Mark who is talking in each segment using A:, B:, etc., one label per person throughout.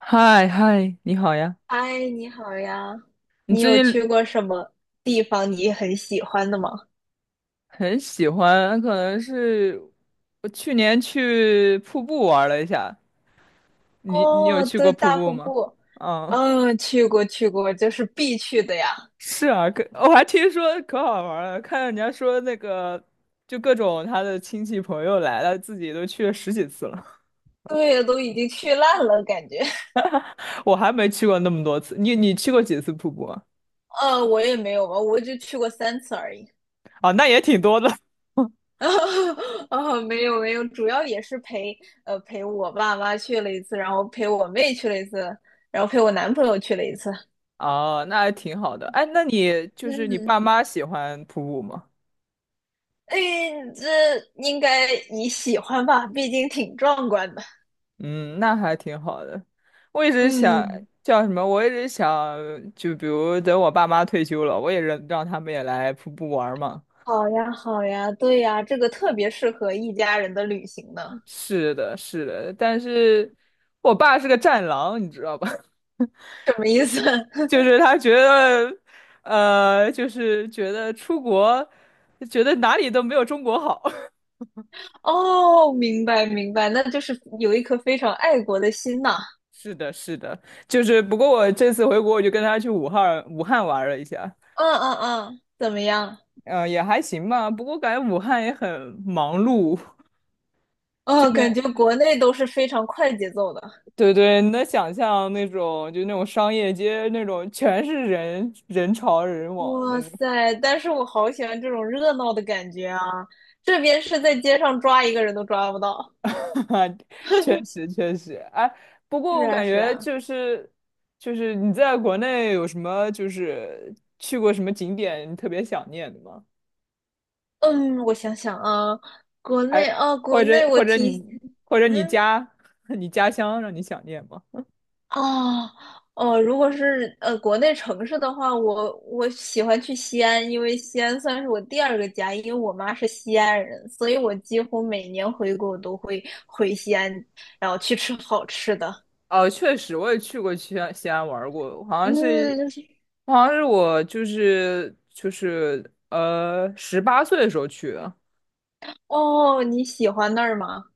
A: 嗨嗨，你好呀！
B: 嗨，你好呀！
A: 你
B: 你
A: 最
B: 有
A: 近。
B: 去过什么地方你很喜欢的吗？
A: 很喜欢，可能是我去年去瀑布玩了一下。你有
B: 哦，
A: 去过
B: 对，
A: 瀑
B: 大
A: 布
B: 瀑
A: 吗？
B: 布，
A: 嗯，
B: 嗯，去过，就是必去的呀。
A: 是啊，可我还听说可好玩了，看人家说那个，就各种他的亲戚朋友来了，自己都去了十几次了。
B: 对，都已经去烂了，感觉。
A: 我还没去过那么多次，你去过几次瀑布啊？
B: 我也没有吧，我就去过三次而已。
A: 啊，那也挺多的。
B: 啊，没有没有，主要也是陪陪我爸妈去了一次，然后陪我妹去了一次，然后陪我男朋友去了一次。
A: 哦，那还挺好的。哎，那你就是你
B: 嗯，
A: 爸妈喜欢瀑布吗？
B: 哎，这应该你喜欢吧？毕竟挺壮观的。
A: 嗯，那还挺好的。我一直想
B: 嗯，
A: 叫什么？我一直想，就比如等我爸妈退休了，我也让他们也来瀑布玩儿嘛。
B: 好呀，好呀，对呀，这个特别适合一家人的旅行呢。
A: 是的，是的，但是我爸是个战狼，你知道吧？
B: 什么意思？
A: 就是他觉得，就是觉得出国，觉得哪里都没有中国好。
B: 哦，明白明白，那就是有一颗非常爱国的心呐。
A: 是的，是的，就是不过我这次回国，我就跟他去武汉玩了一下，
B: 嗯嗯嗯，怎么样？
A: 嗯，也还行吧。不过感觉武汉也很忙碌。
B: 哦，感觉国内都是非常快节奏的。
A: 对对，你能想象那种就那种商业街那种全是人人潮人往那
B: 哇
A: 种。
B: 塞，但是我好喜欢这种热闹的感觉啊！这边是在街上抓一个人都抓不到。
A: 确 实确实，哎，不过
B: 是
A: 我
B: 啊
A: 感
B: 是
A: 觉
B: 啊，
A: 就是你在国内有什么，就是去过什么景点你特别想念的吗？
B: 嗯，我想想啊，国内
A: 还
B: 啊，国
A: 或
B: 内
A: 者
B: 我
A: 或者
B: 提，
A: 你或者你
B: 嗯。
A: 家 你家乡让你想念吗？
B: 哦，哦，如果是国内城市的话，我喜欢去西安，因为西安算是我第二个家，因为我妈是西安人，所以我几乎每年回国都会回西安，然后去吃好吃的。
A: 哦，确实，我也去过西安，西安玩儿过，好像是，
B: 嗯，
A: 我就是18岁的时候去的。
B: 哦，你喜欢那儿吗？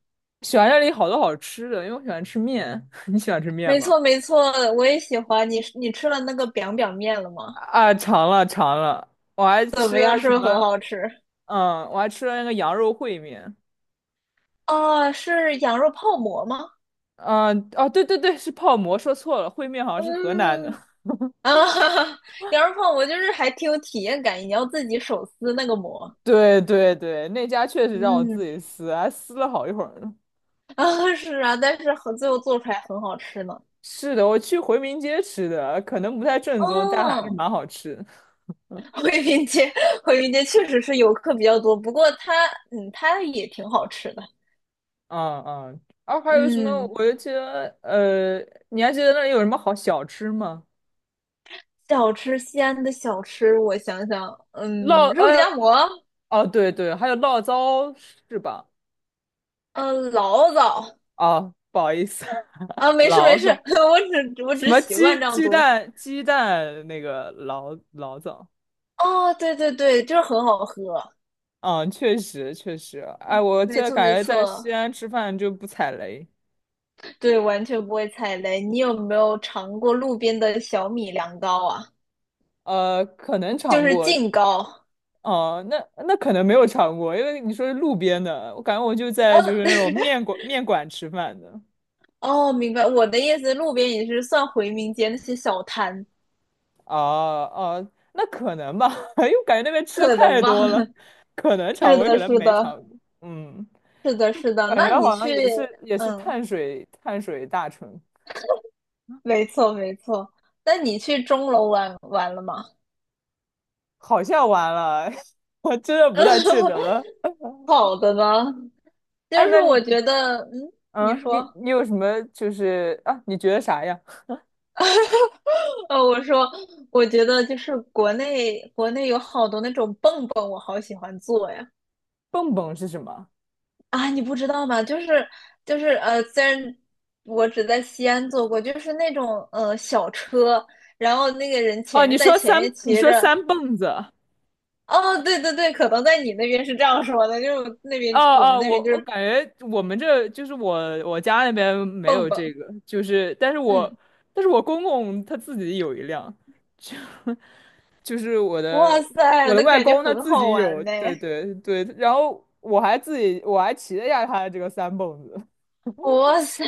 A: 喜欢这里好多好吃的，因为我喜欢吃面。你喜欢吃面
B: 没
A: 吗？
B: 错，没错，我也喜欢。你吃了那个 biang biang 面了吗？
A: 啊，尝了尝了，我还
B: 怎
A: 吃
B: 么样？
A: 了
B: 是
A: 什
B: 不是很
A: 么？
B: 好吃？
A: 嗯，我还吃了那个羊肉烩面。
B: 啊，是羊肉泡馍吗？
A: 嗯，哦，对对对，是泡馍，说错了，烩面好像是河南的。
B: 嗯，啊，羊肉泡馍就是还挺有体验感，你要自己手撕那个馍。
A: 对对对，那家确实让我
B: 嗯，
A: 自己撕，还撕了好一会儿呢。
B: 啊是啊，但是和最后做出来很好吃呢。
A: 是的，我去回民街吃的，可能不太正宗，但还是
B: 嗯，
A: 蛮好吃。
B: 回民街，回民街确实是游客比较多，不过它，嗯，它也挺好吃的。
A: 嗯嗯，啊，还有什么？
B: 嗯，
A: 我就记得，你还记得那里有什么好小吃吗？
B: 小吃，西安的小吃，我想想，嗯，
A: 醪，
B: 肉夹
A: 呃，
B: 馍，
A: 哦，对对，还有醪糟是吧？
B: 嗯，醪糟
A: 哦，不好意思，
B: 啊，没事没
A: 醪
B: 事，
A: 糟，
B: 我只我
A: 什
B: 只
A: 么
B: 习惯
A: 鸡
B: 这样
A: 鸡
B: 读。
A: 蛋鸡蛋那个醪糟。
B: 哦，对对对，就是很好喝，
A: 嗯，确实确实，哎，我现
B: 没
A: 在
B: 错没
A: 感觉在西
B: 错。
A: 安吃饭就不踩雷。
B: 对，完全不会踩雷。你有没有尝过路边的小米凉糕啊？
A: 可能
B: 就
A: 尝
B: 是
A: 过，
B: 净糕。
A: 哦，那可能没有尝过，因为你说是路边的，我感觉我就在就
B: 嗯，
A: 是那种面馆吃饭的。
B: 哦，明白。我的意思，路边也是算回民街那些小摊，
A: 哦哦，那可能吧，因为我感觉那边吃的
B: 可能
A: 太
B: 吧？
A: 多了，可能 尝
B: 是
A: 过，也
B: 的，
A: 可能
B: 是
A: 没尝
B: 的，
A: 过。嗯，
B: 是的，是的。
A: 感
B: 那
A: 觉
B: 你
A: 好
B: 去，
A: 像也是
B: 嗯，
A: 碳水碳水大城，
B: 没错，没错。那你去钟楼玩玩了吗？
A: 好像完了。我真的不太记得了。
B: 好的呢，就
A: 哎，
B: 是
A: 那
B: 我
A: 你，
B: 觉得，嗯，你
A: 你
B: 说，
A: 你有什么就是啊？你觉得啥呀？
B: 呃，我说，我觉得就是国内有好多那种蹦蹦，我好喜欢做呀。
A: 蹦蹦是什么？
B: 啊，你不知道吗？就是呃，虽然我只在西安坐过，就是那种小车，然后那个人
A: 哦，
B: 前面在前面
A: 你
B: 骑
A: 说
B: 着。
A: 三蹦子。
B: 哦，对对对，可能在你那边是这样说的，就是那
A: 哦
B: 边我们
A: 哦，
B: 那
A: 我
B: 边就
A: 我
B: 是
A: 感觉我们这就是，我家那边没有
B: 蹦
A: 这
B: 蹦。
A: 个，就是但是我
B: 嗯，
A: 但是我公公他自己有一辆，就 就是我
B: 哇
A: 的
B: 塞，
A: 我的
B: 那
A: 外
B: 感觉
A: 公他
B: 很
A: 自
B: 好
A: 己有，
B: 玩呢。
A: 对对对，然后我还骑了一下他的这个三蹦子。
B: 哇塞，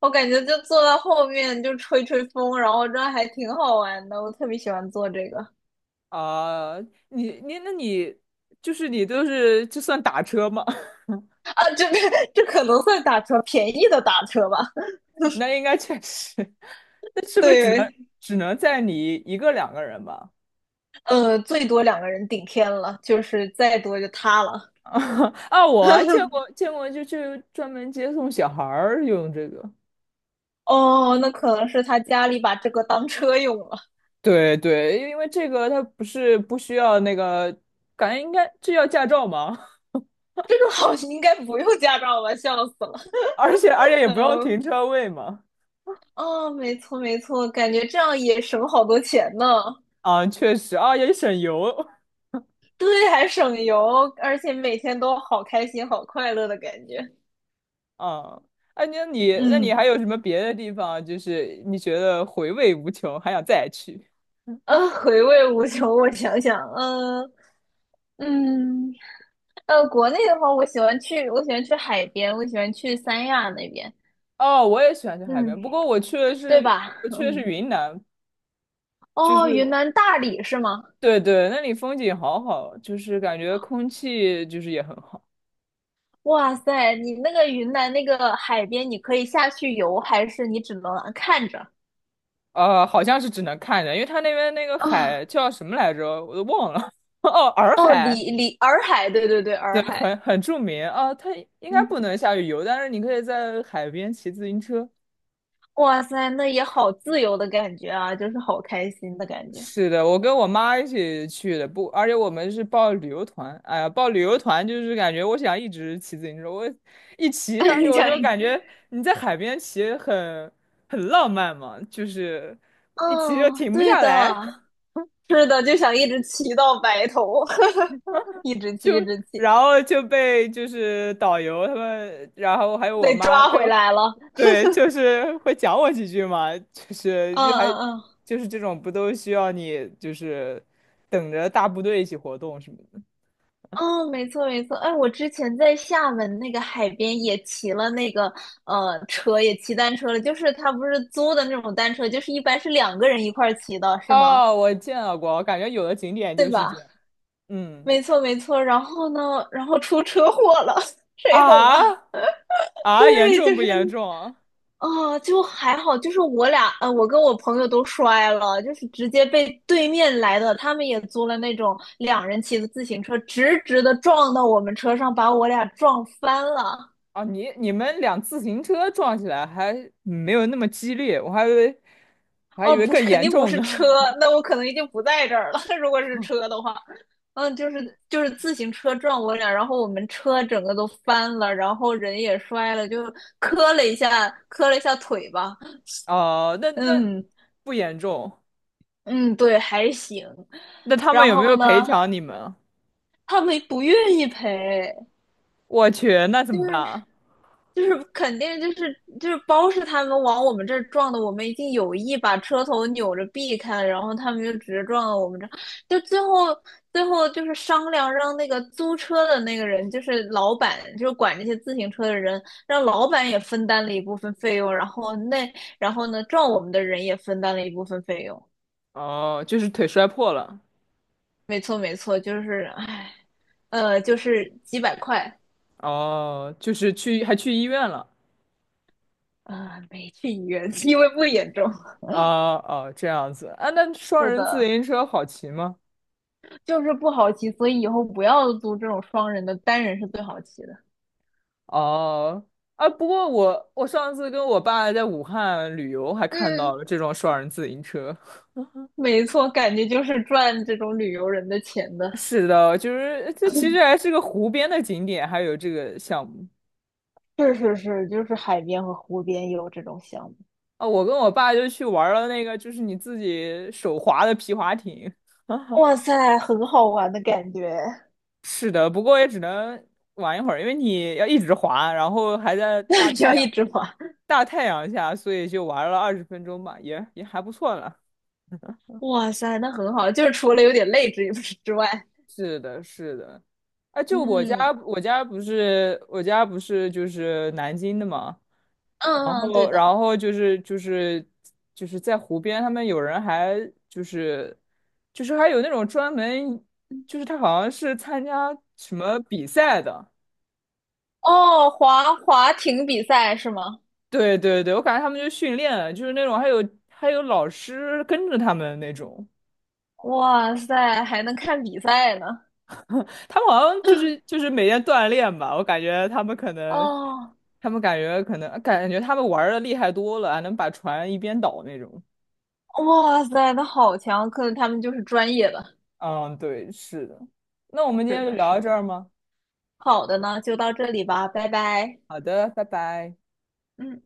B: 我感觉就坐到后面就吹吹风，然后这样还挺好玩的。我特别喜欢坐这个
A: 啊，那你你都是，这算打车吗？
B: 啊，这 这可能算打车，便宜的打车吧。
A: 那应该确实。那是不是只能
B: 对，
A: 只能载你一个两个人吧？
B: 呃，最多两个人顶天了，就是再多就塌了。
A: 啊，我还见过见过，就专门接送小孩儿用这个。
B: 哦，那可能是他家里把这个当车用了。
A: 对对，因为这个它不是不需要那个，感觉应该这要驾照吗？
B: 这个好像应该不用驾照吧？笑死了。
A: 而且也不用停
B: 嗯，
A: 车位嘛。
B: 哦，没错没错，感觉这样也省好多钱呢。
A: 啊，确实啊，也省油
B: 对，还省油，而且每天都好开心、好快乐的感觉。
A: 啊。哎，那你
B: 嗯，
A: 还有什么别的地方啊，就是你觉得回味无穷，还想再去？
B: 呃，回味无穷。我想想，嗯、嗯，呃，国内的话，我喜欢去，我喜欢去海边，我喜欢去三亚那边。
A: 哦，我也喜欢去海
B: 嗯，
A: 边，不过
B: 对吧？
A: 我 去的是
B: 嗯，
A: 云南，就
B: 哦，云
A: 是
B: 南大理是吗？
A: 对对，那里风景好好，就是感觉空气就是也很好。
B: 哇塞，你那个云南那个海边，你可以下去游，还是你只能看着？
A: 好像是只能看着，因为它那边那个
B: 哦，
A: 海叫什么来着，我都忘了。哦，洱
B: 哦，
A: 海，
B: 洱海，对对对，
A: 对，
B: 洱海。
A: 很著名啊。它应该
B: 嗯，
A: 不能下去游，但是你可以在海边骑自行车。
B: 哇塞，那也好自由的感觉啊，就是好开心的感觉。
A: 是的，我跟我妈一起去的，不，而且我们是报旅游团。哎呀，报旅游团就是感觉我想一直骑自行车，我一骑 上去
B: 你
A: 我
B: 讲
A: 就
B: 一个，
A: 感觉你在海边骑很浪漫嘛，就是一骑就
B: 嗯，
A: 停不
B: 对
A: 下
B: 的，
A: 来。
B: 是的，就想一直骑到白头，一直
A: 就
B: 骑，一直骑，
A: 然后就被就是导游他们，然后还有我
B: 被
A: 妈
B: 抓
A: 被
B: 回
A: 我。
B: 来了。
A: 对，就是会讲我几句嘛，就是
B: 嗯
A: 就还
B: 嗯嗯。
A: 就是这种，不都需要你就是等着大部队一起活动什么的。
B: 哦，没错没错，哎，我之前在厦门那个海边也骑了那个车，也骑单车了，就是他不是租的那种单车，就是一般是两个人一块儿骑的，是吗？
A: 哦，我见到过，我感觉有的景点
B: 对
A: 就是这
B: 吧？
A: 样。嗯
B: 没错没错，然后呢，然后出车祸了，谁懂
A: 啊
B: 啊？
A: 啊，严
B: 对，就
A: 重不
B: 是
A: 严重啊？
B: 啊、就还好，就是我俩，我跟我朋友都摔了，就是直接被对面来的，他们也租了那种两人骑的自行车，直直的撞到我们车上，把我俩撞翻了。
A: 啊，你们辆自行车撞起来还没有那么激烈，我还以
B: 哦，
A: 为
B: 不
A: 更
B: 是，肯
A: 严
B: 定不
A: 重
B: 是
A: 呢。
B: 车，那我可能已经不在这儿了。如果是车的话，嗯，就是自行车撞我俩，然后我们车整个都翻了，然后人也摔了，就磕了一下，磕了一下腿吧。
A: 哦，那
B: 嗯
A: 不严重，
B: 嗯，对，还行。
A: 那他们
B: 然
A: 有没
B: 后
A: 有赔
B: 呢，
A: 偿你们？
B: 他们不愿意赔，
A: 我去，那怎
B: 就
A: 么办
B: 是。
A: 啊？
B: 就是肯定包是他们往我们这儿撞的，我们已经有意把车头扭着避开了，然后他们就直接撞到我们这儿，就最后就是商量让那个租车的那个人，就是老板，就是管这些自行车的人，让老板也分担了一部分费用，然后那然后呢撞我们的人也分担了一部分费用，
A: 哦，就是腿摔破了，
B: 没错没错，就是唉，就是几百块，
A: 哦，就是去还去医院了。
B: 啊，没去医院，因为不严重，
A: 哦哦，这样子啊，那 双
B: 是
A: 人自
B: 的。
A: 行车好骑吗？
B: 就是不好骑，所以以后不要租这种双人的，单人是最好骑的。
A: 哦，啊，不过我上次跟我爸在武汉旅游，还看
B: 嗯，
A: 到了这种双人自行车。
B: 没错，感觉就是赚这种旅游人的钱 的。
A: 是的，就是这其实还是个湖边的景点，还有这个项目
B: 是是是，就是海边和湖边有这种项目。
A: 啊。我跟我爸就去玩了那个，就是你自己手划的皮划艇。
B: 哇塞，很好玩的感觉，
A: 是的，不过也只能玩一会儿，因为你要一直滑，然后还在大
B: 只
A: 太
B: 要
A: 阳
B: 一直滑。
A: 大太阳下，所以就玩了20分钟吧，也还不错了。
B: 哇塞，那很好，就是除了有点累之外，
A: 是的，是的。啊，就我
B: 嗯
A: 家，我家不是就是南京的嘛，然
B: 嗯，对
A: 后，
B: 的。
A: 就是在湖边，他们有人还，就是就是还有那种专门，就是他好像是参加什么比赛的，
B: 哦，滑滑艇比赛是吗？
A: 对对对，我感觉他们就训练，就是那种，还有老师跟着他们那种。
B: 哇塞，还能看比赛呢。
A: 他们好像就是每天锻炼吧，我感觉他们可能，
B: 哦，
A: 他们感觉他们玩的厉害多了，还能把船一边倒那种。
B: 哇塞，那好强！可能他们就是专业的。
A: 嗯，对，是的。那我们今
B: 是
A: 天就
B: 的，
A: 聊到
B: 是
A: 这
B: 的。
A: 儿吗？
B: 好的呢，就到这里吧，拜拜。
A: 好的，拜拜。
B: 嗯。